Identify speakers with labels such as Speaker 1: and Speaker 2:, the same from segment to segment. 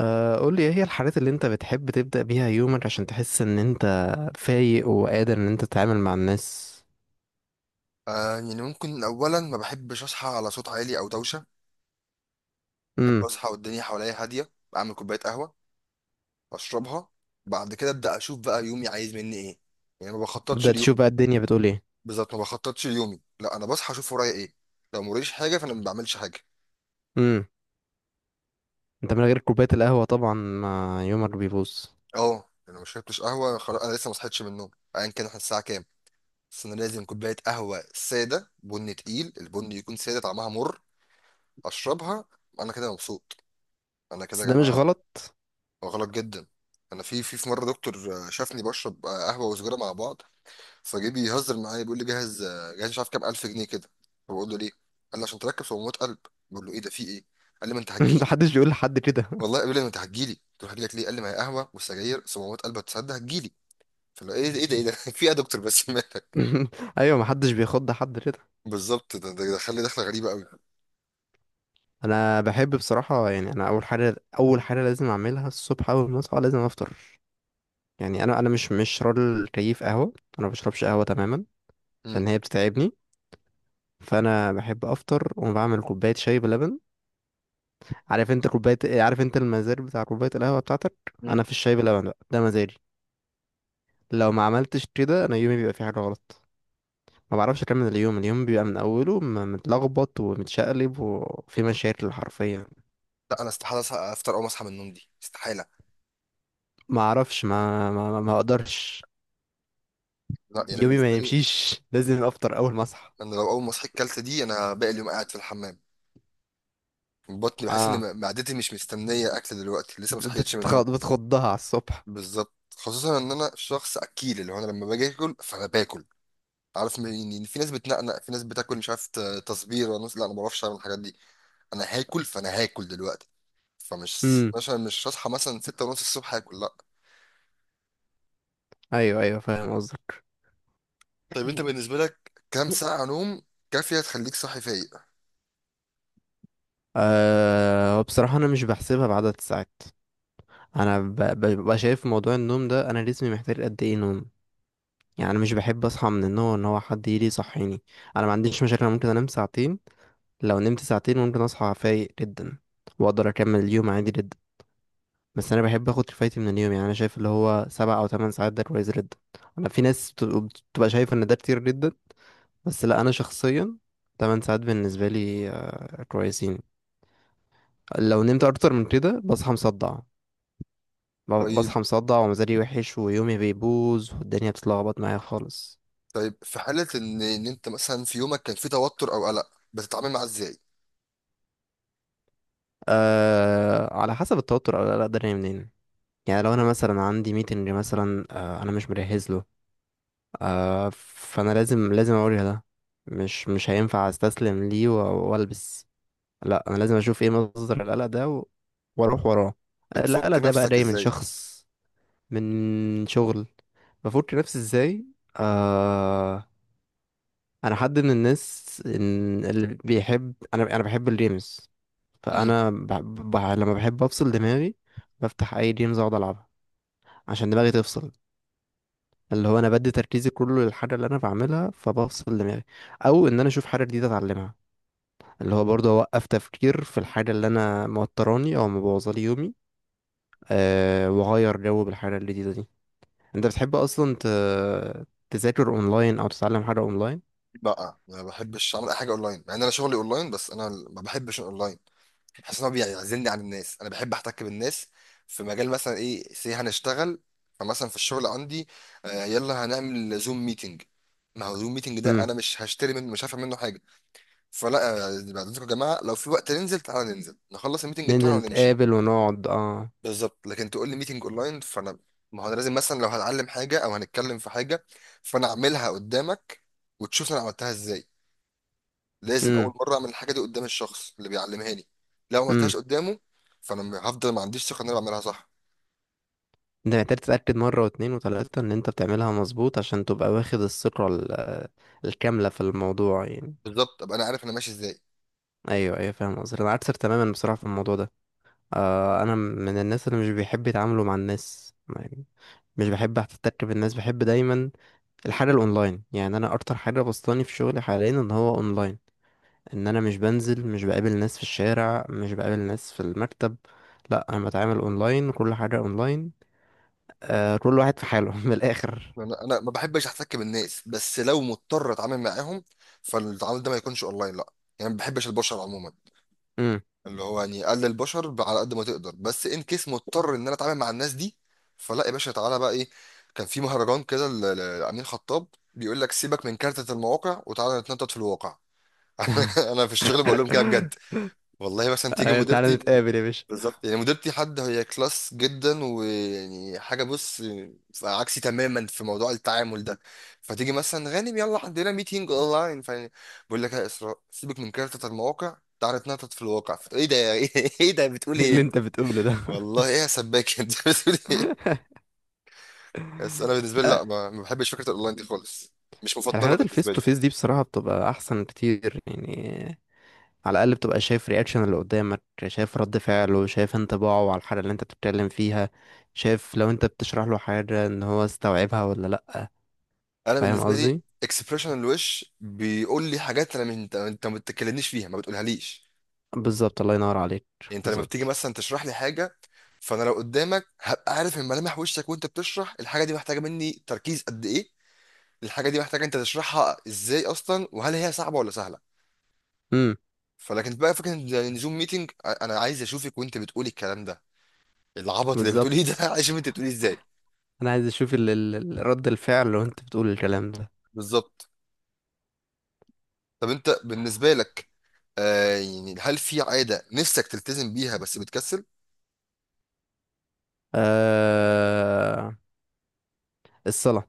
Speaker 1: قول لي ايه هي الحاجات اللي انت بتحب تبدأ بيها يومك عشان تحس ان انت فايق وقادر ان انت تتعامل مع الناس.
Speaker 2: آه يعني ممكن اولا ما بحبش اصحى على صوت عالي او دوشه. بحب
Speaker 1: امم.
Speaker 2: اصحى والدنيا حواليا هاديه، اعمل كوبايه قهوه اشربها. بعد كده ابدا اشوف بقى يومي عايز مني ايه، يعني ما بخططش
Speaker 1: تبدأ تشوف
Speaker 2: ليومي.
Speaker 1: بقى الدنيا بتقول ايه؟
Speaker 2: بالظبط، ما بخططش ليومي، لا انا بصحى اشوف ورايا ايه. لو موريش حاجه فانا ما بعملش حاجه.
Speaker 1: امم. انت من غير كوباية القهوة طبعا ما يومك بيبوظ.
Speaker 2: اه، انا ما شربتش قهوه خلاص، انا لسه ما صحيتش من النوم ايا كان احنا الساعه كام. بس انا لازم كوبايه قهوه ساده بن تقيل، البن يكون ساده طعمها مر، اشربها. انا كده مبسوط، انا كده
Speaker 1: بس
Speaker 2: يا
Speaker 1: ده مش
Speaker 2: جماعه.
Speaker 1: غلط.
Speaker 2: غلط جدا. انا في مره دكتور شافني بشرب قهوه وسجاره مع بعض. فجه بيهزر معايا، بيقول لي جاهز جاهز مش عارف كام الف جنيه كده. فبقول له ليه؟ قال لي عشان تركب صمامات قلب. بقول له ايه ده، في ايه؟ قال لي ما انت هتجيلي.
Speaker 1: محدش بيقول لحد كده.
Speaker 2: والله قال لي ما انت هتجيلي، قلت له هجيلك ليه؟ قال لي ما هي قهوه والسجاير صمامات قلب، هتصدق هتجيلي. فلو ايه ده ايه ده ايه ده في ايه يا دكتور بس مالك؟
Speaker 1: ايوه، محدش بيخض حد كده.
Speaker 2: بالظبط، ده دخل لي دخله غريبه قوي.
Speaker 1: انا بحب بصراحة، يعني انا اول حاجة اول حاجة لازم اعملها الصبح، اول ما اصحى لازم افطر. يعني انا مش راجل كيف قهوة. انا ما بشربش قهوة تماما،
Speaker 2: امم.
Speaker 1: لان هي بتتعبني. فانا بحب افطر وبعمل كوبايه شاي بلبن. عارف انت كوبايه إيه؟ عارف انت المزاج بتاع كوبايه القهوه بتاعتك.
Speaker 2: مم.
Speaker 1: انا في الشاي بلبن بقى ده مزاجي. لو ما عملتش كده، انا يومي بيبقى فيه حاجه غلط. ما بعرفش اكمل اليوم. اليوم بيبقى من اوله متلخبط ومتشقلب وفي مشاكل حرفيا.
Speaker 2: لا انا استحاله افطر اول ما اصحى من النوم، دي استحاله.
Speaker 1: ما اعرفش، ما اقدرش.
Speaker 2: لا يعني
Speaker 1: يومي
Speaker 2: بالنسبه
Speaker 1: ما
Speaker 2: لي،
Speaker 1: يمشيش، لازم افطر اول ما اصحى.
Speaker 2: انا لو اول ما صحيت كلت دي انا باقي اليوم قاعد في الحمام. بطني بحس
Speaker 1: اه،
Speaker 2: ان معدتي مش مستنيه اكل دلوقتي، لسه ما صحيتش من النوم.
Speaker 1: بتخضها على الصبح.
Speaker 2: بالظبط، خصوصا ان انا شخص اكيل. اللي هو انا لما باجي اكل فانا باكل. عارف يعني في ناس بتنقنق، في ناس بتاكل مش عارف تصبير، وناس لا انا ما بعرفش اعمل الحاجات دي. انا هاكل فانا هاكل دلوقتي. فمش
Speaker 1: امم.
Speaker 2: مثلا مش هصحى مثلا 6 ونص الصبح هاكل، لا.
Speaker 1: ايوه ايوه، فاهم قصدك.
Speaker 2: طيب انت بالنسبه لك كام ساعه نوم كافيه تخليك صاحي فايق؟
Speaker 1: بصراحة أنا مش بحسبها بعدد الساعات. انا ببقى شايف في موضوع النوم ده انا جسمي محتاج قد ايه نوم. يعني انا مش بحب اصحى من النوم ان هو حد يجي يصحيني. انا ما عنديش مشاكل، انا ممكن انام ساعتين. لو نمت ساعتين ممكن اصحى فايق جدا واقدر اكمل اليوم عادي جدا. بس انا بحب اخد كفايتي من اليوم، يعني انا شايف اللي هو 7 او 8 ساعات ده كويس جدا. انا في ناس بتبقى شايفه ان ده كتير جدا. بس لا، انا شخصيا 8 ساعات بالنسبه لي كويسين. لو نمت اكتر من كده بصحى مصدع.
Speaker 2: طيب،
Speaker 1: بصحى مصدع ومزاجي وحش ويومي بيبوظ والدنيا بتتلخبط معايا خالص.
Speaker 2: طيب في حاله ان انت مثلا في يومك كان في توتر او قلق، بتتعامل معاه ازاي؟
Speaker 1: على حسب التوتر أو القلق ده جاي منين. يعني لو انا مثلا عندي ميتنج، مثلا انا مش مجهز له، فانا لازم اوريها ده. مش هينفع استسلم ليه والبس. لا، انا لازم اشوف ايه مصدر القلق ده واروح وراه.
Speaker 2: بتفك
Speaker 1: القلق ده بقى
Speaker 2: نفسك
Speaker 1: جاي من
Speaker 2: ازاي؟
Speaker 1: شخص، من شغل. بفك نفسي ازاي؟ آه انا حد من الناس إن اللي بيحب، انا بحب الجيمز.
Speaker 2: إمم.
Speaker 1: فانا لما بحب افصل دماغي بفتح اي جيمز اقعد العبها عشان دماغي تفصل. اللي هو انا بدي تركيزي كله للحاجه اللي انا بعملها فبفصل دماغي. او ان انا اشوف حاجه جديده اتعلمها، اللي هو برضه اوقف تفكير في الحاجه اللي انا موتراني او مبوظالي يومي. واغير جو بالحاجه الجديده دي. انت بتحب اصلا تذاكر اونلاين او تتعلم حاجه اونلاين؟
Speaker 2: لا ما بحبش اعمل اي حاجه اونلاين، مع ان انا شغلي اونلاين، بس انا ما بحبش الاونلاين. بحس ان هو بيعزلني عن الناس، انا بحب احتك بالناس. في مجال مثلا ايه سي هنشتغل، فمثلا في الشغل عندي يلا هنعمل زوم ميتنج. ما هو زوم ميتنج ده
Speaker 1: امم.
Speaker 2: انا مش هشتري منه، مش هفهم منه حاجه. فلا بعد اذنكم يا جماعه، لو في وقت ننزل، تعالى ننزل نخلص الميتنج بتاعنا
Speaker 1: ننزل
Speaker 2: ونمشي.
Speaker 1: نتقابل ونقعد، اه.
Speaker 2: بالظبط، لكن تقول لي ميتنج اونلاين فانا، ما هو انا لازم مثلا لو هتعلم حاجه او هنتكلم في حاجه، فانا اعملها قدامك وتشوف انا عملتها ازاي. لازم اول مره اعمل الحاجه دي قدام الشخص اللي بيعلمها لي. لو ما
Speaker 1: امم.
Speaker 2: عملتهاش قدامه فانا هفضل ما عنديش ثقه ان انا بعملها صح.
Speaker 1: انت محتاج تتأكد مرة واتنين وتلاتة ان انت بتعملها مظبوط عشان تبقى واخد الثقة الكاملة في الموضوع يعني.
Speaker 2: بالظبط، ابقى انا عارف انا ماشي ازاي.
Speaker 1: ايوه ايوه، فاهم قصدك. انا عكسك تماما بصراحة في الموضوع ده. انا من الناس اللي مش بيحب يتعاملوا مع الناس يعني. مش بحب احتك بالناس، بحب دايما الحاجة الاونلاين. يعني انا اكتر حاجة بسطاني في شغلي حاليا ان هو اونلاين. ان انا مش بنزل، مش بقابل ناس في الشارع، مش بقابل ناس في المكتب. لا، انا بتعامل اونلاين، كل حاجة اونلاين. كل واحد في حاله من الاخر.
Speaker 2: انا ما بحبش احتك بالناس، بس لو مضطر اتعامل معاهم فالتعامل ده ما يكونش اونلاين، لا. يعني ما بحبش البشر عموما،
Speaker 1: امم.
Speaker 2: اللي هو يعني قلل البشر على قد ما تقدر، بس ان كيس مضطر ان انا اتعامل مع الناس دي، فلا يا باشا، تعالى بقى ايه. كان في مهرجان كده لامين خطاب بيقول لك سيبك من كارتة المواقع وتعالى نتنطط في الواقع. انا في الشغل بقول لهم كده بجد. والله مثلا تيجي
Speaker 1: أيوة، تعالى
Speaker 2: مديرتي،
Speaker 1: نتقابل يا باشا.
Speaker 2: بالظبط يعني مديرتي حد هي كلاس جدا، ويعني حاجه بص عكسي تماما في موضوع التعامل ده. فتيجي مثلا غانم يلا عندنا ميتينج اونلاين، فبقول لك يا اسراء سيبك من كارتة المواقع تعالى تنطط في الواقع. ايه ده يا- ايه ده بتقول
Speaker 1: إيه
Speaker 2: ايه
Speaker 1: اللي
Speaker 2: انت؟
Speaker 1: انت بتقوله ده.
Speaker 2: والله ايه يا سباك انت بتقول ايه؟ بس انا بالنسبه لي
Speaker 1: لا.
Speaker 2: لا، ما بحبش فكره الاونلاين دي خالص، مش مفضله
Speaker 1: الحالات الفيس
Speaker 2: بالنسبه لي.
Speaker 1: تو فيس دي بصراحة بتبقى احسن كتير يعني. على الاقل بتبقى شايف رياكشن اللي قدامك، شايف رد فعله، شايف انطباعه على الحاجة اللي انت بتتكلم فيها، شايف لو انت بتشرح له حاجة ان هو استوعبها ولا لا.
Speaker 2: انا
Speaker 1: فاهم
Speaker 2: بالنسبه لي
Speaker 1: قصدي.
Speaker 2: اكسبريشن الوش بيقول لي حاجات، انا من انت انت ما بتتكلمنيش فيها، ما بتقولها ليش.
Speaker 1: بالظبط، الله ينور عليك.
Speaker 2: يعني انت لما بتيجي
Speaker 1: بالظبط.
Speaker 2: مثلا تشرح لي حاجه، فانا لو قدامك هبقى عارف من ملامح وشك وانت بتشرح، الحاجه دي محتاجه مني تركيز قد ايه، الحاجه دي محتاجه انت تشرحها ازاي اصلا، وهل هي صعبه ولا سهله.
Speaker 1: امم.
Speaker 2: فلكن بقى فكره ان زوم ميتنج، انا عايز اشوفك وانت بتقولي الكلام ده، العبط اللي بتقوليه ده
Speaker 1: بالظبط،
Speaker 2: عايز اشوف انت بتقوليه ازاي.
Speaker 1: انا عايز اشوف رد الفعل لو انت بتقول الكلام ده.
Speaker 2: بالظبط. طب انت بالنسبه لك، آه يعني هل في عاده نفسك تلتزم بيها بس بتكسل؟
Speaker 1: آه... الصلاة.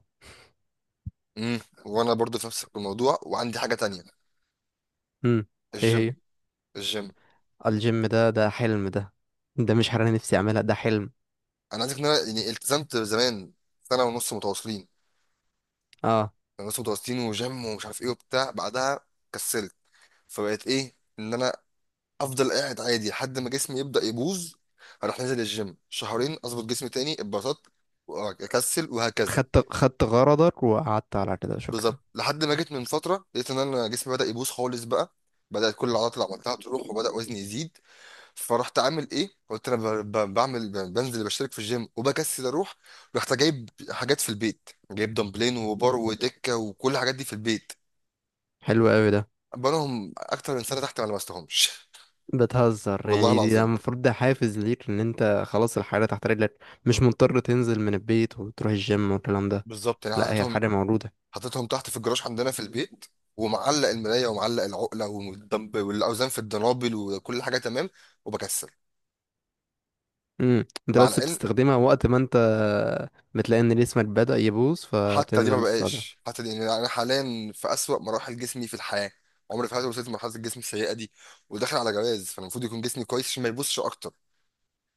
Speaker 2: امم. وانا برضو في نفس الموضوع، وعندي حاجه تانية،
Speaker 1: امم. ايه هي؟
Speaker 2: الجيم. الجيم،
Speaker 1: الجيم ده حلم ده. ده مش حاجة أنا نفسي أعملها، ده حلم.
Speaker 2: انا عايزك ان انا يعني التزمت زمان سنه ونص متواصلين،
Speaker 1: اه.
Speaker 2: سنه ونص متواصلين وجيم ومش عارف ايه وبتاع، بعدها كسلت. فبقيت ايه، ان انا افضل قاعد عادي لحد ما جسمي يبدا يبوظ، اروح نازل الجيم شهرين اظبط جسمي تاني، اتبسطت واكسل، وهكذا.
Speaker 1: خدت خدت غرضك وقعدت على كده، شكرا.
Speaker 2: بالظبط، لحد ما جيت من فتره لقيت ان انا جسمي بدا يبوظ خالص بقى، بدات كل العضلات اللي عملتها تروح، وبدا وزني يزيد. فرحت عامل ايه، قلت انا بعمل بنزل بشترك في الجيم، وبكسل اروح. رحت جايب حاجات في البيت، جايب دمبلين وبار ودكه وكل الحاجات دي في البيت.
Speaker 1: حلو قوي ده.
Speaker 2: بقالهم اكتر من سنه تحت ما لمستهمش.
Speaker 1: بتهزر
Speaker 2: والله
Speaker 1: يعني، دي ده
Speaker 2: العظيم.
Speaker 1: المفروض ده حافز ليك ان انت خلاص الحاجة تحت رجلك. مش مضطر تنزل من البيت وتروح الجيم والكلام ده.
Speaker 2: بالظبط يعني
Speaker 1: لا، هي
Speaker 2: حطيتهم،
Speaker 1: الحاجة موجودة.
Speaker 2: حطيتهم تحت في الجراج عندنا في البيت، ومعلق المرايه ومعلق العقله والدمب والاوزان في الدنابل وكل حاجه تمام، وبكسل.
Speaker 1: انت
Speaker 2: مع
Speaker 1: بس
Speaker 2: العلم
Speaker 1: بتستخدمها وقت ما انت بتلاقي ان جسمك بدأ يبوظ
Speaker 2: حتى دي ما
Speaker 1: فبتنزل تستخدمها.
Speaker 2: بقاش، حتى دي يعني انا حاليا في اسوأ مراحل جسمي في الحياه، عمري في حياتي ما وصلت لمرحله الجسم السيئه دي، وداخل على جواز فانا المفروض يكون جسمي كويس عشان ما يبصش اكتر.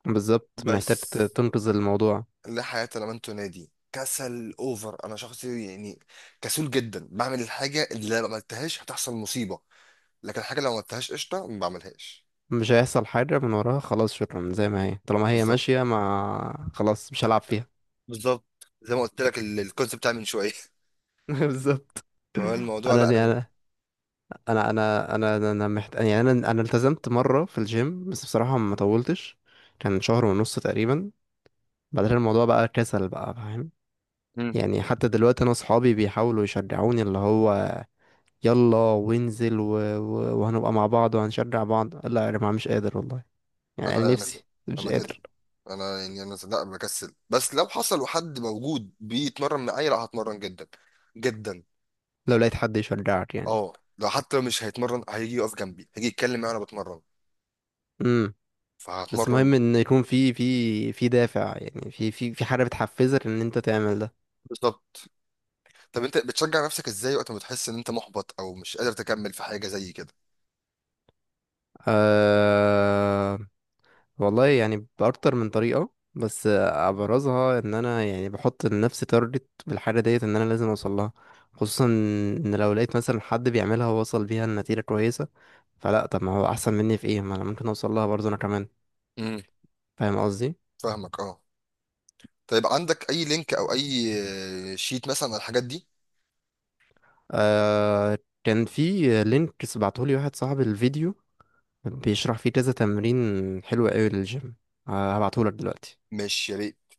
Speaker 1: بالظبط،
Speaker 2: بس
Speaker 1: محتاج تنقذ الموضوع.
Speaker 2: لا حياه لمن تنادي، كسل اوفر. انا شخص يعني كسول جدا، بعمل الحاجه اللي لو ما عملتهاش هتحصل مصيبه، لكن الحاجه اللي لو ما عملتهاش قشطه ما بعملهاش.
Speaker 1: مش هيحصل حاجة من وراها، خلاص شكرا، زي ما هي طالما هي
Speaker 2: بالظبط،
Speaker 1: ماشية، ما خلاص مش هلعب فيها.
Speaker 2: بالظبط. زي ما قلت لك الكونسيبت بتاع من شويه.
Speaker 1: بالظبط.
Speaker 2: فهو الموضوع
Speaker 1: انا
Speaker 2: لا انا،
Speaker 1: انا يعني انا التزمت مرة في الجيم، بس بصراحة ما طولتش. كان شهر ونص تقريبا. بعدين الموضوع بقى كسل بقى، فاهم؟ يعني حتى دلوقتي انا اصحابي بيحاولوا يشجعوني، اللي هو يلا وانزل وهنبقى مع بعض وهنشجع بعض. لا يا جماعة، مش قادر والله. يعني انا
Speaker 2: انا كده،
Speaker 1: نفسي مش
Speaker 2: انا كده.
Speaker 1: قادر.
Speaker 2: انا يعني انا لا بكسل، بس لو حصل وحد موجود بيتمرن معايا لا هتمرن جدا جدا.
Speaker 1: لو لقيت حد يشجعك يعني.
Speaker 2: اه، لو حتى مش هيتمرن هيجي يقف جنبي، هيجي يتكلم معايا وانا بتمرن،
Speaker 1: امم. بس
Speaker 2: فهتمرن.
Speaker 1: مهم ان يكون في دافع، يعني في حاجه بتحفزك ان انت تعمل ده.
Speaker 2: بالظبط. طب انت بتشجع نفسك ازاي وقت ما بتحس ان انت محبط او مش قادر تكمل في حاجه زي كده؟
Speaker 1: أه والله يعني باكتر من طريقه، بس ابرزها ان انا يعني بحط لنفسي تارجت بالحاجه ديت ان انا لازم اوصل لها. خصوصا ان لو لقيت مثلا حد بيعملها ووصل بيها لنتيجه كويسه، فلا طب ما هو احسن مني في ايه؟ ما انا ممكن اوصل لها برضه انا كمان.
Speaker 2: امم.
Speaker 1: فاهم قصدي.
Speaker 2: فاهمك اه. طيب عندك اي لينك او اي شيت مثلا على الحاجات دي؟
Speaker 1: أه كان في لينك بعتهولي واحد صاحبي، الفيديو بيشرح فيه كذا تمرين، حلو قوي للجيم. هبعتهولك دلوقتي.
Speaker 2: مش